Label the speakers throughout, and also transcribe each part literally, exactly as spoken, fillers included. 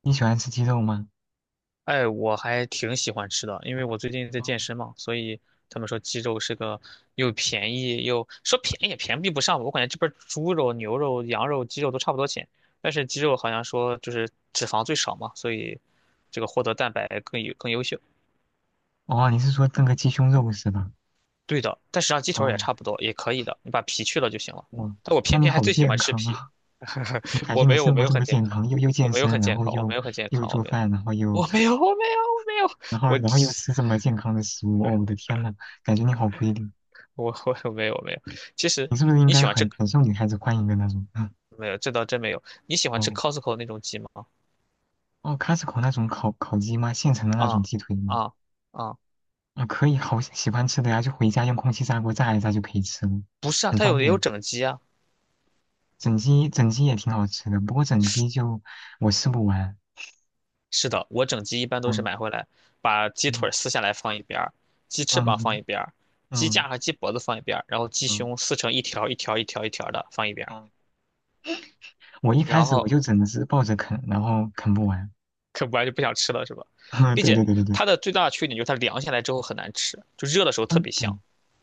Speaker 1: 你喜欢吃鸡肉吗？
Speaker 2: 哎，我还挺喜欢吃的，因为我最近在健身嘛，所以他们说鸡肉是个又便宜又说便宜也便宜不上吧。我感觉这边儿猪肉、牛肉、羊肉、鸡肉都差不多钱，但是鸡肉好像说就是脂肪最少嘛，所以这个获得蛋白更有更优秀。
Speaker 1: 哦，你是说炖个鸡胸肉是吧？
Speaker 2: 对的，但实际上鸡腿儿也
Speaker 1: 哦，
Speaker 2: 差不多，也可以的，你把皮去了就行了。
Speaker 1: 哇，
Speaker 2: 但我
Speaker 1: 那
Speaker 2: 偏
Speaker 1: 你
Speaker 2: 偏还
Speaker 1: 好
Speaker 2: 最喜
Speaker 1: 健
Speaker 2: 欢吃
Speaker 1: 康
Speaker 2: 皮。
Speaker 1: 啊！怎么 感
Speaker 2: 我
Speaker 1: 觉
Speaker 2: 没
Speaker 1: 你
Speaker 2: 有，我
Speaker 1: 生
Speaker 2: 没
Speaker 1: 活
Speaker 2: 有
Speaker 1: 这
Speaker 2: 很
Speaker 1: 么
Speaker 2: 健
Speaker 1: 健
Speaker 2: 康，
Speaker 1: 康，又又
Speaker 2: 我
Speaker 1: 健
Speaker 2: 没有
Speaker 1: 身，
Speaker 2: 很
Speaker 1: 然
Speaker 2: 健
Speaker 1: 后
Speaker 2: 康，我没
Speaker 1: 又
Speaker 2: 有很健
Speaker 1: 又
Speaker 2: 康，我
Speaker 1: 做
Speaker 2: 没有，
Speaker 1: 饭，然后又
Speaker 2: 我没有，我没有，我没有，
Speaker 1: 然后
Speaker 2: 我。
Speaker 1: 然后又 吃这么健康的食物？哦，我的天呐，感觉你好规律。
Speaker 2: 我我我没有没有，其实
Speaker 1: 你是不是应
Speaker 2: 你
Speaker 1: 该
Speaker 2: 喜欢吃
Speaker 1: 很很受女孩子欢迎的那种？嗯，
Speaker 2: 没有？这倒真没有。你喜欢吃
Speaker 1: 哦
Speaker 2: Costco 那种鸡吗？
Speaker 1: 哦，Costco 那种烤烤鸡吗？现成的那种
Speaker 2: 啊
Speaker 1: 鸡腿吗？
Speaker 2: 啊啊！
Speaker 1: 啊，可以，好喜欢吃的呀，就回家用空气炸锅炸一炸就可以吃了，
Speaker 2: 不是啊，
Speaker 1: 很
Speaker 2: 它
Speaker 1: 方
Speaker 2: 有也有
Speaker 1: 便。
Speaker 2: 整鸡啊。
Speaker 1: 整鸡整鸡也挺好吃的，不过整鸡就我吃不完。
Speaker 2: 是的，我整鸡一般都是
Speaker 1: 嗯
Speaker 2: 买回来，把鸡腿儿
Speaker 1: 嗯
Speaker 2: 撕下来放一边儿，鸡翅膀放
Speaker 1: 嗯
Speaker 2: 一边儿，鸡
Speaker 1: 嗯
Speaker 2: 架和鸡脖子放一边儿，然后鸡
Speaker 1: 嗯
Speaker 2: 胸撕成一条一条一条一条的放一边儿，
Speaker 1: 嗯，我一开
Speaker 2: 然
Speaker 1: 始我
Speaker 2: 后
Speaker 1: 就整只抱着啃，然后啃不完。
Speaker 2: 啃不完就不想吃了是吧？并
Speaker 1: 对对
Speaker 2: 且
Speaker 1: 对对对，
Speaker 2: 它的最大的缺点就是它凉下来之后很难吃，就热的时候特
Speaker 1: 嗯
Speaker 2: 别香。
Speaker 1: 对，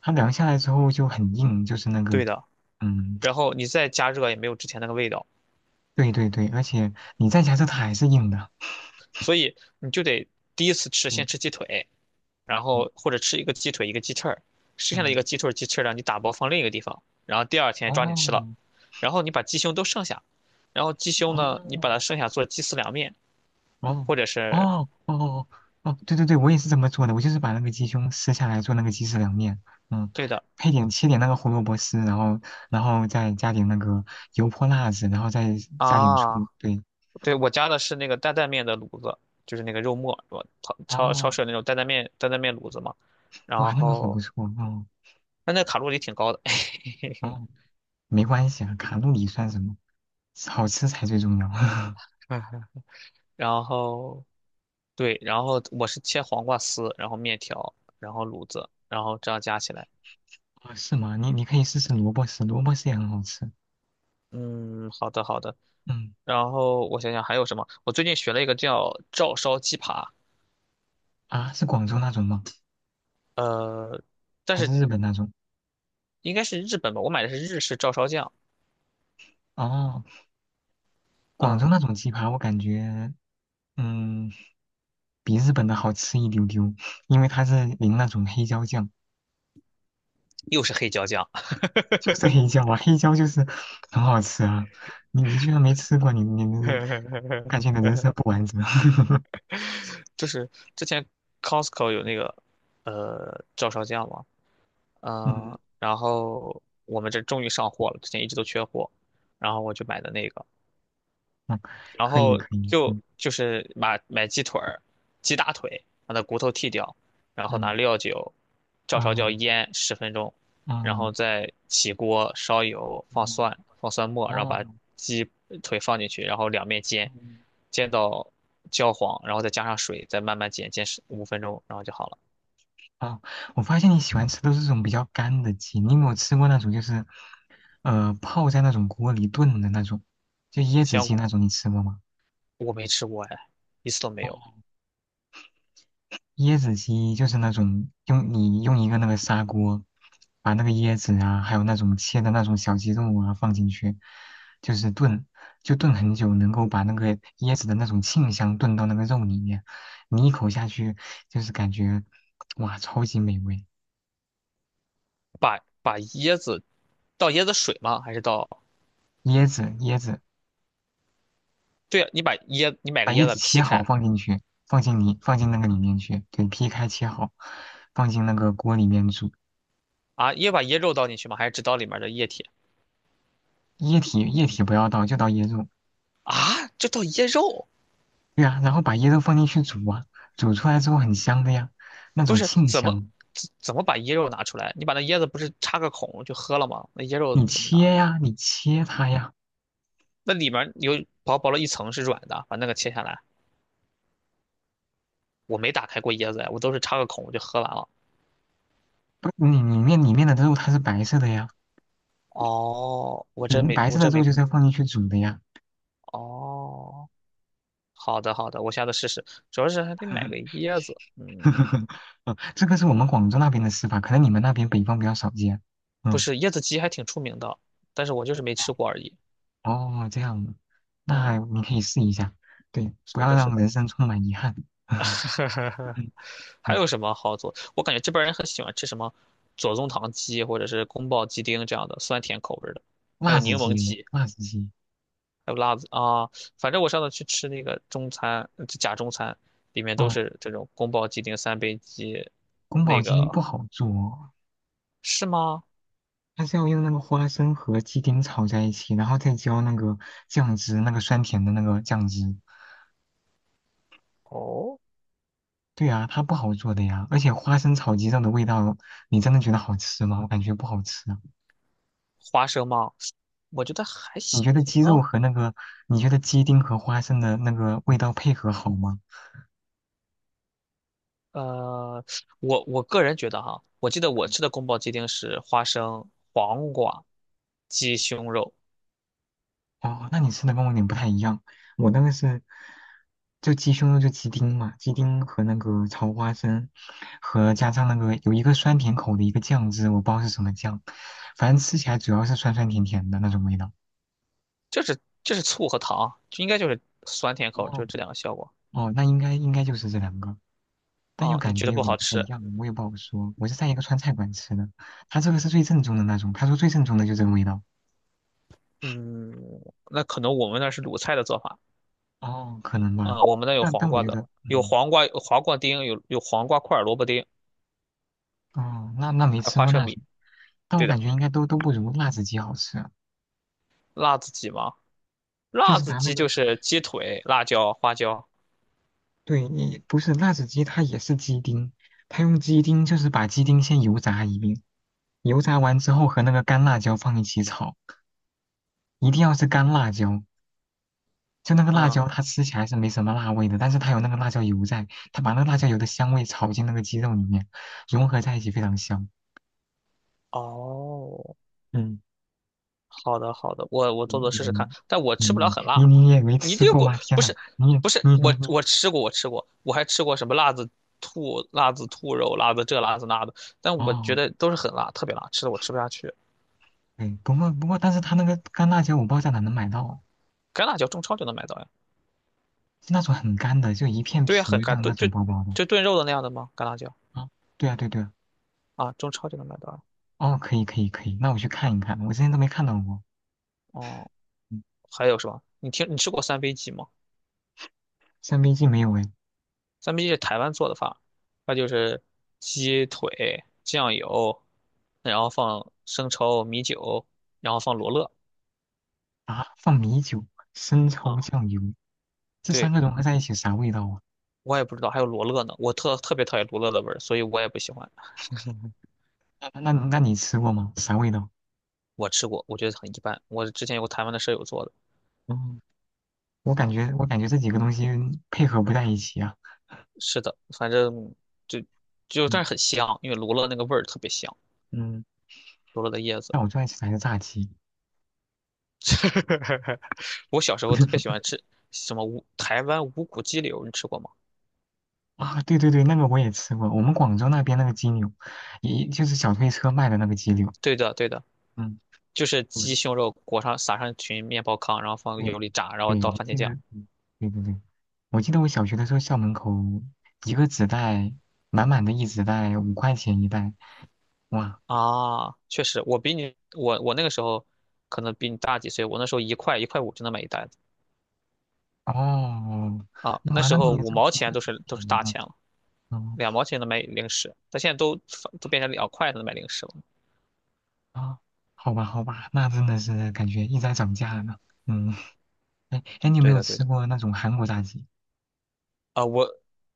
Speaker 1: 它凉下来之后就很硬，就是那个
Speaker 2: 对的，
Speaker 1: 嗯，
Speaker 2: 然后你再加热也没有之前那个味道。
Speaker 1: 对对对，而且你再加热它还是硬的。
Speaker 2: 所以你就得第一次吃
Speaker 1: 嗯
Speaker 2: 先吃鸡腿，然
Speaker 1: 嗯
Speaker 2: 后或者吃一个鸡腿一个鸡翅儿，剩下的一
Speaker 1: 嗯，
Speaker 2: 个鸡腿鸡翅儿让你打包放另一个地方，然后第二天抓紧吃了，
Speaker 1: 哦
Speaker 2: 然后你把鸡胸都剩下，然后鸡胸呢，你把
Speaker 1: 哦。
Speaker 2: 它剩下做鸡丝凉面。
Speaker 1: 哦
Speaker 2: 或者是
Speaker 1: 哦哦哦，哦对对对，我也是这么做的，我就是把那个鸡胸撕下来做那个鸡丝凉面，嗯，
Speaker 2: 对的
Speaker 1: 配点切点那个胡萝卜丝，然后然后再加点那个油泼辣子，然后再加点醋，
Speaker 2: 啊，
Speaker 1: 对，
Speaker 2: 对，我加的是那个担担面的卤子，就是那个肉末，我超超超
Speaker 1: 哦，
Speaker 2: 市有那种担担面担担面卤子嘛。
Speaker 1: 哇，
Speaker 2: 然
Speaker 1: 那个好不
Speaker 2: 后
Speaker 1: 错，哦
Speaker 2: 但那卡路里挺高的。
Speaker 1: 哦，没关系啊，卡路里算什么，好吃才最重要。
Speaker 2: 然后对，然后我是切黄瓜丝，然后面条，然后卤子，然后这样加起来。
Speaker 1: 哦，是吗？你你可以试试萝卜丝，萝卜丝也很好吃，
Speaker 2: 嗯，好的好的。
Speaker 1: 嗯，
Speaker 2: 然后我想想还有什么？我最近学了一个叫照烧鸡扒。
Speaker 1: 啊，是广州那种吗？
Speaker 2: 呃，但
Speaker 1: 还是
Speaker 2: 是
Speaker 1: 日本那种？
Speaker 2: 应该是日本吧，我买的是日式照烧酱。
Speaker 1: 哦，广
Speaker 2: 啊，
Speaker 1: 州那种鸡排，我感觉。嗯，比日本的好吃一丢丢，因为它是淋那种黑椒酱，
Speaker 2: 又是黑椒酱。
Speaker 1: 就是黑椒啊，黑椒就是很好吃啊。你你居然没吃过，你你你，感觉你的人生不 完整。
Speaker 2: 就是之前 Costco 有那个呃照烧酱嘛。
Speaker 1: 嗯
Speaker 2: 嗯，然后我们这终于上货了，之前一直都缺货，然后我就买的那个。
Speaker 1: 嗯，
Speaker 2: 然
Speaker 1: 可以
Speaker 2: 后
Speaker 1: 可以，
Speaker 2: 就
Speaker 1: 嗯
Speaker 2: 就是买买鸡腿儿、鸡大腿，把它骨头剔掉，然后拿
Speaker 1: 嗯
Speaker 2: 料酒照烧椒
Speaker 1: 哦
Speaker 2: 腌十分钟，然后
Speaker 1: 哦
Speaker 2: 再起锅烧油，
Speaker 1: 哦
Speaker 2: 放蒜、放蒜末，然后把
Speaker 1: 哦
Speaker 2: 鸡腿放进去，然后两面煎，
Speaker 1: 嗯
Speaker 2: 煎到焦黄，然后再加上水，再慢慢煎，煎十五分钟，然后就好了。
Speaker 1: 哦，我发现你喜欢吃都是这种比较干的鸡，你有没有吃过那种就是呃泡在那种锅里炖的那种，就椰子
Speaker 2: 香
Speaker 1: 鸡
Speaker 2: 菇
Speaker 1: 那种，你吃过吗？
Speaker 2: 我没吃过哎，一次都没有。
Speaker 1: 哦椰子鸡就是那种用你用一个那个砂锅，把那个椰子啊，还有那种切的那种小鸡肉啊放进去，就是炖，就炖很久，能够把那个椰子的那种沁香炖到那个肉里面，你一口下去就是感觉哇，超级美味。
Speaker 2: 把把椰子，倒椰子水吗？还是倒？
Speaker 1: 椰子，椰子，
Speaker 2: 对啊，你把椰你买
Speaker 1: 把
Speaker 2: 个
Speaker 1: 椰
Speaker 2: 椰
Speaker 1: 子
Speaker 2: 子劈
Speaker 1: 切好
Speaker 2: 开。
Speaker 1: 放进去，放进你放进那个里面去，对，劈开切好，放进那个锅里面煮，
Speaker 2: 啊，也把椰肉倒进去吗？还是只倒里面的液体？
Speaker 1: 液体液体不要倒，就倒椰肉。
Speaker 2: 啊，就倒椰肉？
Speaker 1: 对呀，然后把椰肉放进去煮啊，煮出来之后很香的呀，那
Speaker 2: 不
Speaker 1: 种
Speaker 2: 是，
Speaker 1: 沁
Speaker 2: 怎么
Speaker 1: 香。
Speaker 2: 怎怎么把椰肉拿出来？你把那椰子不是插个孔就喝了吗？那椰肉
Speaker 1: 你
Speaker 2: 怎么拿？
Speaker 1: 切呀，你切它呀，
Speaker 2: 那里面有薄薄的一层是软的，把那个切下来。我没打开过椰子呀，我都是插个孔我就喝完了。
Speaker 1: 不，你里面里面的肉它是白色的呀，
Speaker 2: 哦，我
Speaker 1: 你
Speaker 2: 真
Speaker 1: 们
Speaker 2: 没，
Speaker 1: 白色
Speaker 2: 我
Speaker 1: 的
Speaker 2: 真
Speaker 1: 肉
Speaker 2: 没。
Speaker 1: 就是要放进去煮的呀。
Speaker 2: 哦，好的好的，我下次试试。主要是还得买个椰子，嗯，
Speaker 1: 嗯这个是我们广州那边的吃法，可能你们那边北方比较少见。
Speaker 2: 不
Speaker 1: 嗯，
Speaker 2: 是椰子鸡还挺出名的，但是我就是没吃过而已。
Speaker 1: 哦，这样的，那
Speaker 2: 嗯，
Speaker 1: 你可以试一下。对，不
Speaker 2: 是
Speaker 1: 要
Speaker 2: 的，是
Speaker 1: 让
Speaker 2: 的。
Speaker 1: 人生充满遗憾。嗯
Speaker 2: 还
Speaker 1: 嗯，
Speaker 2: 有什么好做？我感觉这边儿人很喜欢吃什么左宗棠鸡或者是宫保鸡丁这样的酸甜口味儿的，还有
Speaker 1: 辣子
Speaker 2: 柠檬
Speaker 1: 鸡，
Speaker 2: 鸡，
Speaker 1: 辣子鸡，
Speaker 2: 还有辣子啊。反正我上次去吃那个中餐，呃假中餐，里面都
Speaker 1: 哦，
Speaker 2: 是这种宫保鸡丁、三杯鸡。
Speaker 1: 宫保
Speaker 2: 那
Speaker 1: 鸡丁不
Speaker 2: 个
Speaker 1: 好做哦，
Speaker 2: 是吗？
Speaker 1: 它是要用那个花生和鸡丁炒在一起，然后再浇那个酱汁，那个酸甜的那个酱汁。
Speaker 2: 哦，
Speaker 1: 对啊，它不好做的呀。而且花生炒鸡肉的味道，你真的觉得好吃吗？我感觉不好吃啊。
Speaker 2: 花生吗？我觉得还
Speaker 1: 你
Speaker 2: 行
Speaker 1: 觉得鸡肉
Speaker 2: 啊。
Speaker 1: 和那个，你觉得鸡丁和花生的那个味道配合好吗？
Speaker 2: 呃，我我个人觉得哈，我记得我吃的宫保鸡丁是花生、黄瓜、鸡胸肉。
Speaker 1: 哦，那你吃的跟我有点不太一样，我那个是就鸡胸肉就鸡丁嘛，鸡丁和那个炒花生，和加上那个有一个酸甜口的一个酱汁，我不知道是什么酱，反正吃起来主要是酸酸甜甜的那种味道。
Speaker 2: 就是就是醋和糖，就应该就是酸甜口，就
Speaker 1: 哦，
Speaker 2: 是这两个效果
Speaker 1: 哦，那应该应该就是这两个，但又
Speaker 2: 啊。你
Speaker 1: 感
Speaker 2: 觉
Speaker 1: 觉
Speaker 2: 得
Speaker 1: 有
Speaker 2: 不
Speaker 1: 点
Speaker 2: 好
Speaker 1: 不太一
Speaker 2: 吃？
Speaker 1: 样，我也不好说。我是在一个川菜馆吃的，他这个是最正宗的那种，他说最正宗的就这个味道，
Speaker 2: 嗯，那可能我们那是鲁菜的做法
Speaker 1: 哦，可能吧。
Speaker 2: 啊，我们那有
Speaker 1: 但
Speaker 2: 黄
Speaker 1: 但我
Speaker 2: 瓜
Speaker 1: 觉
Speaker 2: 的，
Speaker 1: 得，
Speaker 2: 有
Speaker 1: 嗯。
Speaker 2: 黄瓜，有黄瓜丁，有有黄瓜块儿、萝卜丁，
Speaker 1: 哦，那那没
Speaker 2: 还有
Speaker 1: 吃
Speaker 2: 花
Speaker 1: 过
Speaker 2: 生
Speaker 1: 那
Speaker 2: 米。
Speaker 1: 种，但我
Speaker 2: 对
Speaker 1: 感
Speaker 2: 的，
Speaker 1: 觉应该都都不如辣子鸡好吃。
Speaker 2: 辣子鸡吗？
Speaker 1: 就
Speaker 2: 辣
Speaker 1: 是
Speaker 2: 子
Speaker 1: 拿那
Speaker 2: 鸡
Speaker 1: 个，
Speaker 2: 就是鸡腿、辣椒、花椒。
Speaker 1: 对，你不是辣子鸡，它也是鸡丁，它用鸡丁就是把鸡丁先油炸一遍，油炸完之后和那个干辣椒放一起炒，一定要是干辣椒。就那个辣
Speaker 2: 嗯，
Speaker 1: 椒，它吃起来是没什么辣味的，但是它有那个辣椒油在，它把那个辣椒油的香味炒进那个鸡肉里面，融合在一起非常香。
Speaker 2: 哦，
Speaker 1: 嗯，
Speaker 2: 好的，好的，我我
Speaker 1: 你
Speaker 2: 做做
Speaker 1: 你
Speaker 2: 试试看，但我
Speaker 1: 你
Speaker 2: 吃不了
Speaker 1: 你
Speaker 2: 很
Speaker 1: 你
Speaker 2: 辣。
Speaker 1: 你也没
Speaker 2: 你
Speaker 1: 吃
Speaker 2: 这个
Speaker 1: 过
Speaker 2: 果
Speaker 1: 吗？天
Speaker 2: 不
Speaker 1: 呐，
Speaker 2: 是，
Speaker 1: 你也
Speaker 2: 不
Speaker 1: 你
Speaker 2: 是
Speaker 1: 你
Speaker 2: 我
Speaker 1: 你
Speaker 2: 我吃过，我吃过，我还吃过什么辣子兔、辣子兔肉、辣子这、辣子那的，但我觉
Speaker 1: 哦。
Speaker 2: 得都是很辣，特别辣，吃的我吃不下去。
Speaker 1: 哎，不过不过，但是它那个干辣椒我不知道在哪能买到，
Speaker 2: 干辣椒中超就能买到呀？
Speaker 1: 是那种很干的，就一片
Speaker 2: 对呀，
Speaker 1: 皮
Speaker 2: 很
Speaker 1: 一
Speaker 2: 干，
Speaker 1: 样那
Speaker 2: 炖就
Speaker 1: 种薄薄的。
Speaker 2: 就炖肉的那样的吗？干辣椒
Speaker 1: 啊，对啊对对啊，
Speaker 2: 啊，中超就能买到呀。
Speaker 1: 哦，可以可以可以，那我去看一看，我之前都没看到过。
Speaker 2: 哦，
Speaker 1: 嗯，
Speaker 2: 还有什么？你听你吃过三杯鸡吗？
Speaker 1: 三杯鸡没有哎，
Speaker 2: 三杯鸡是台湾做的饭，它就是鸡腿、酱油，然后放生抽、米酒，然后放罗勒。
Speaker 1: 啊，放米酒、生抽、
Speaker 2: 嗯，
Speaker 1: 酱油，这三
Speaker 2: 对，
Speaker 1: 个融合在一起啥味道啊？
Speaker 2: 我也不知道还有罗勒呢，我特特别讨厌罗勒的味儿，所以我也不喜欢。
Speaker 1: 那那那你吃过吗？啥味道？
Speaker 2: 我吃过，我觉得很一般。我之前有个台湾的舍友做的。
Speaker 1: 嗯，我感
Speaker 2: 嗯，
Speaker 1: 觉我感觉这几个东西配合不在一起啊。
Speaker 2: 是的，反正就就
Speaker 1: 嗯
Speaker 2: 但是很香，因为罗勒那个味儿特别香，
Speaker 1: 嗯，
Speaker 2: 罗勒的叶子。
Speaker 1: 那我最爱吃的还是炸鸡。
Speaker 2: 我小时候特别 喜欢吃什么无台湾无骨鸡柳，你吃过吗？
Speaker 1: 啊，对对对，那个我也吃过，我们广州那边那个鸡柳，也就是小推车卖的那个鸡柳。
Speaker 2: 对的，对的。
Speaker 1: 嗯，
Speaker 2: 就是鸡
Speaker 1: 嗯，
Speaker 2: 胸肉裹上撒上一群面包糠，然后放
Speaker 1: 对，
Speaker 2: 油里炸，然后
Speaker 1: 对，
Speaker 2: 倒
Speaker 1: 我
Speaker 2: 番茄
Speaker 1: 记得，
Speaker 2: 酱。
Speaker 1: 嗯对对对，我记得我小学的时候校门口一个纸袋，满满的一纸袋，五块钱一袋。哇，
Speaker 2: 啊，确实，我比你，我我那个时候可能比你大几岁，我那时候一块一块五就能买一袋子。
Speaker 1: 哦，
Speaker 2: 啊，
Speaker 1: 那
Speaker 2: 那
Speaker 1: 完
Speaker 2: 时
Speaker 1: 了，那
Speaker 2: 候
Speaker 1: 也
Speaker 2: 五
Speaker 1: 是
Speaker 2: 毛
Speaker 1: 那
Speaker 2: 钱
Speaker 1: 个
Speaker 2: 都
Speaker 1: 时候
Speaker 2: 是都
Speaker 1: 便
Speaker 2: 是
Speaker 1: 宜
Speaker 2: 大
Speaker 1: 呢。
Speaker 2: 钱了，
Speaker 1: 嗯
Speaker 2: 两毛钱能买零食，但现在都都变成两块才能买零食了。
Speaker 1: 啊，好吧好吧，那真的是感觉一直在涨价呢。嗯，哎哎，你有没
Speaker 2: 对
Speaker 1: 有
Speaker 2: 的对
Speaker 1: 吃
Speaker 2: 的，
Speaker 1: 过那种韩国炸鸡？
Speaker 2: 啊，我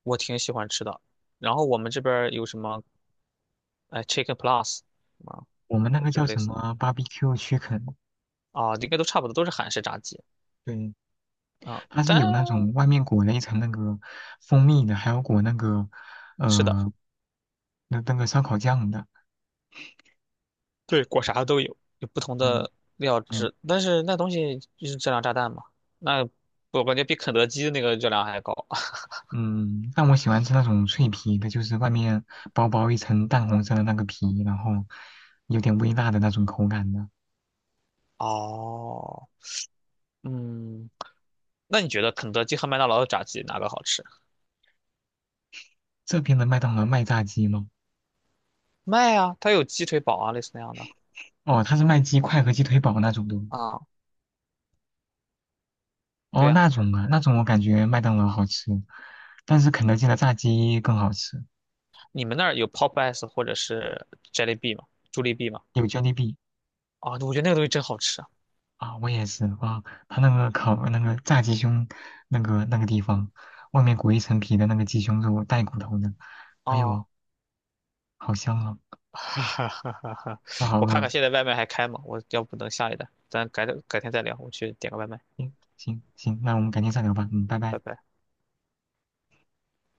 Speaker 2: 我挺喜欢吃的，然后我们这边儿有什么哎 Chicken Plus 啊。
Speaker 1: 我们那
Speaker 2: 呃
Speaker 1: 个
Speaker 2: 这
Speaker 1: 叫
Speaker 2: 种类
Speaker 1: 什
Speaker 2: 似，
Speaker 1: 么 barbecue chicken？
Speaker 2: 啊，应该都差不多，都是韩式炸鸡
Speaker 1: 对，
Speaker 2: 啊，
Speaker 1: 它是
Speaker 2: 但。
Speaker 1: 有那种外面裹了一层那个蜂蜜的，还有裹那个
Speaker 2: 是的。
Speaker 1: 呃那那个烧烤酱的。
Speaker 2: 对，裹啥的都有，有不同
Speaker 1: 嗯
Speaker 2: 的料
Speaker 1: 嗯
Speaker 2: 汁，但是那东西就是质量炸弹嘛。那我感觉比肯德基的那个热量还高。
Speaker 1: 嗯，但我喜欢吃那种脆皮的，就是外面薄薄一层淡红色的那个皮，然后有点微辣的那种口感的。
Speaker 2: 哦，嗯，那你觉得肯德基和麦当劳的炸鸡哪个好吃？
Speaker 1: 这边的麦当劳卖炸鸡吗？
Speaker 2: 麦啊，它有鸡腿堡啊，类似那样的
Speaker 1: 哦，它是卖鸡块和鸡腿堡那种的。
Speaker 2: 啊。对
Speaker 1: 哦，
Speaker 2: 呀，
Speaker 1: 那种啊，那种我感觉麦当劳好吃，但是肯德基的炸鸡更好吃，
Speaker 2: 你们那儿有 Popeyes 或者是 j e l l i b e e 吗？朱丽 B 吗？
Speaker 1: 有 Jollibee。
Speaker 2: 啊，我觉得那个东西真好吃啊。
Speaker 1: 啊，我也是哇，他那个烤那个炸鸡胸那个那个地方，外面裹一层皮的那个鸡胸肉带骨头的，哎
Speaker 2: 啊，
Speaker 1: 呦，好香啊，
Speaker 2: 哈哈哈哈！
Speaker 1: 我好
Speaker 2: 我看
Speaker 1: 饿。
Speaker 2: 看现在外卖还开吗？我要不等下一单，咱改改天再聊，我去点个外卖，
Speaker 1: 嗯，行行，那我们改天再聊吧，嗯，拜
Speaker 2: 拜
Speaker 1: 拜。
Speaker 2: 拜。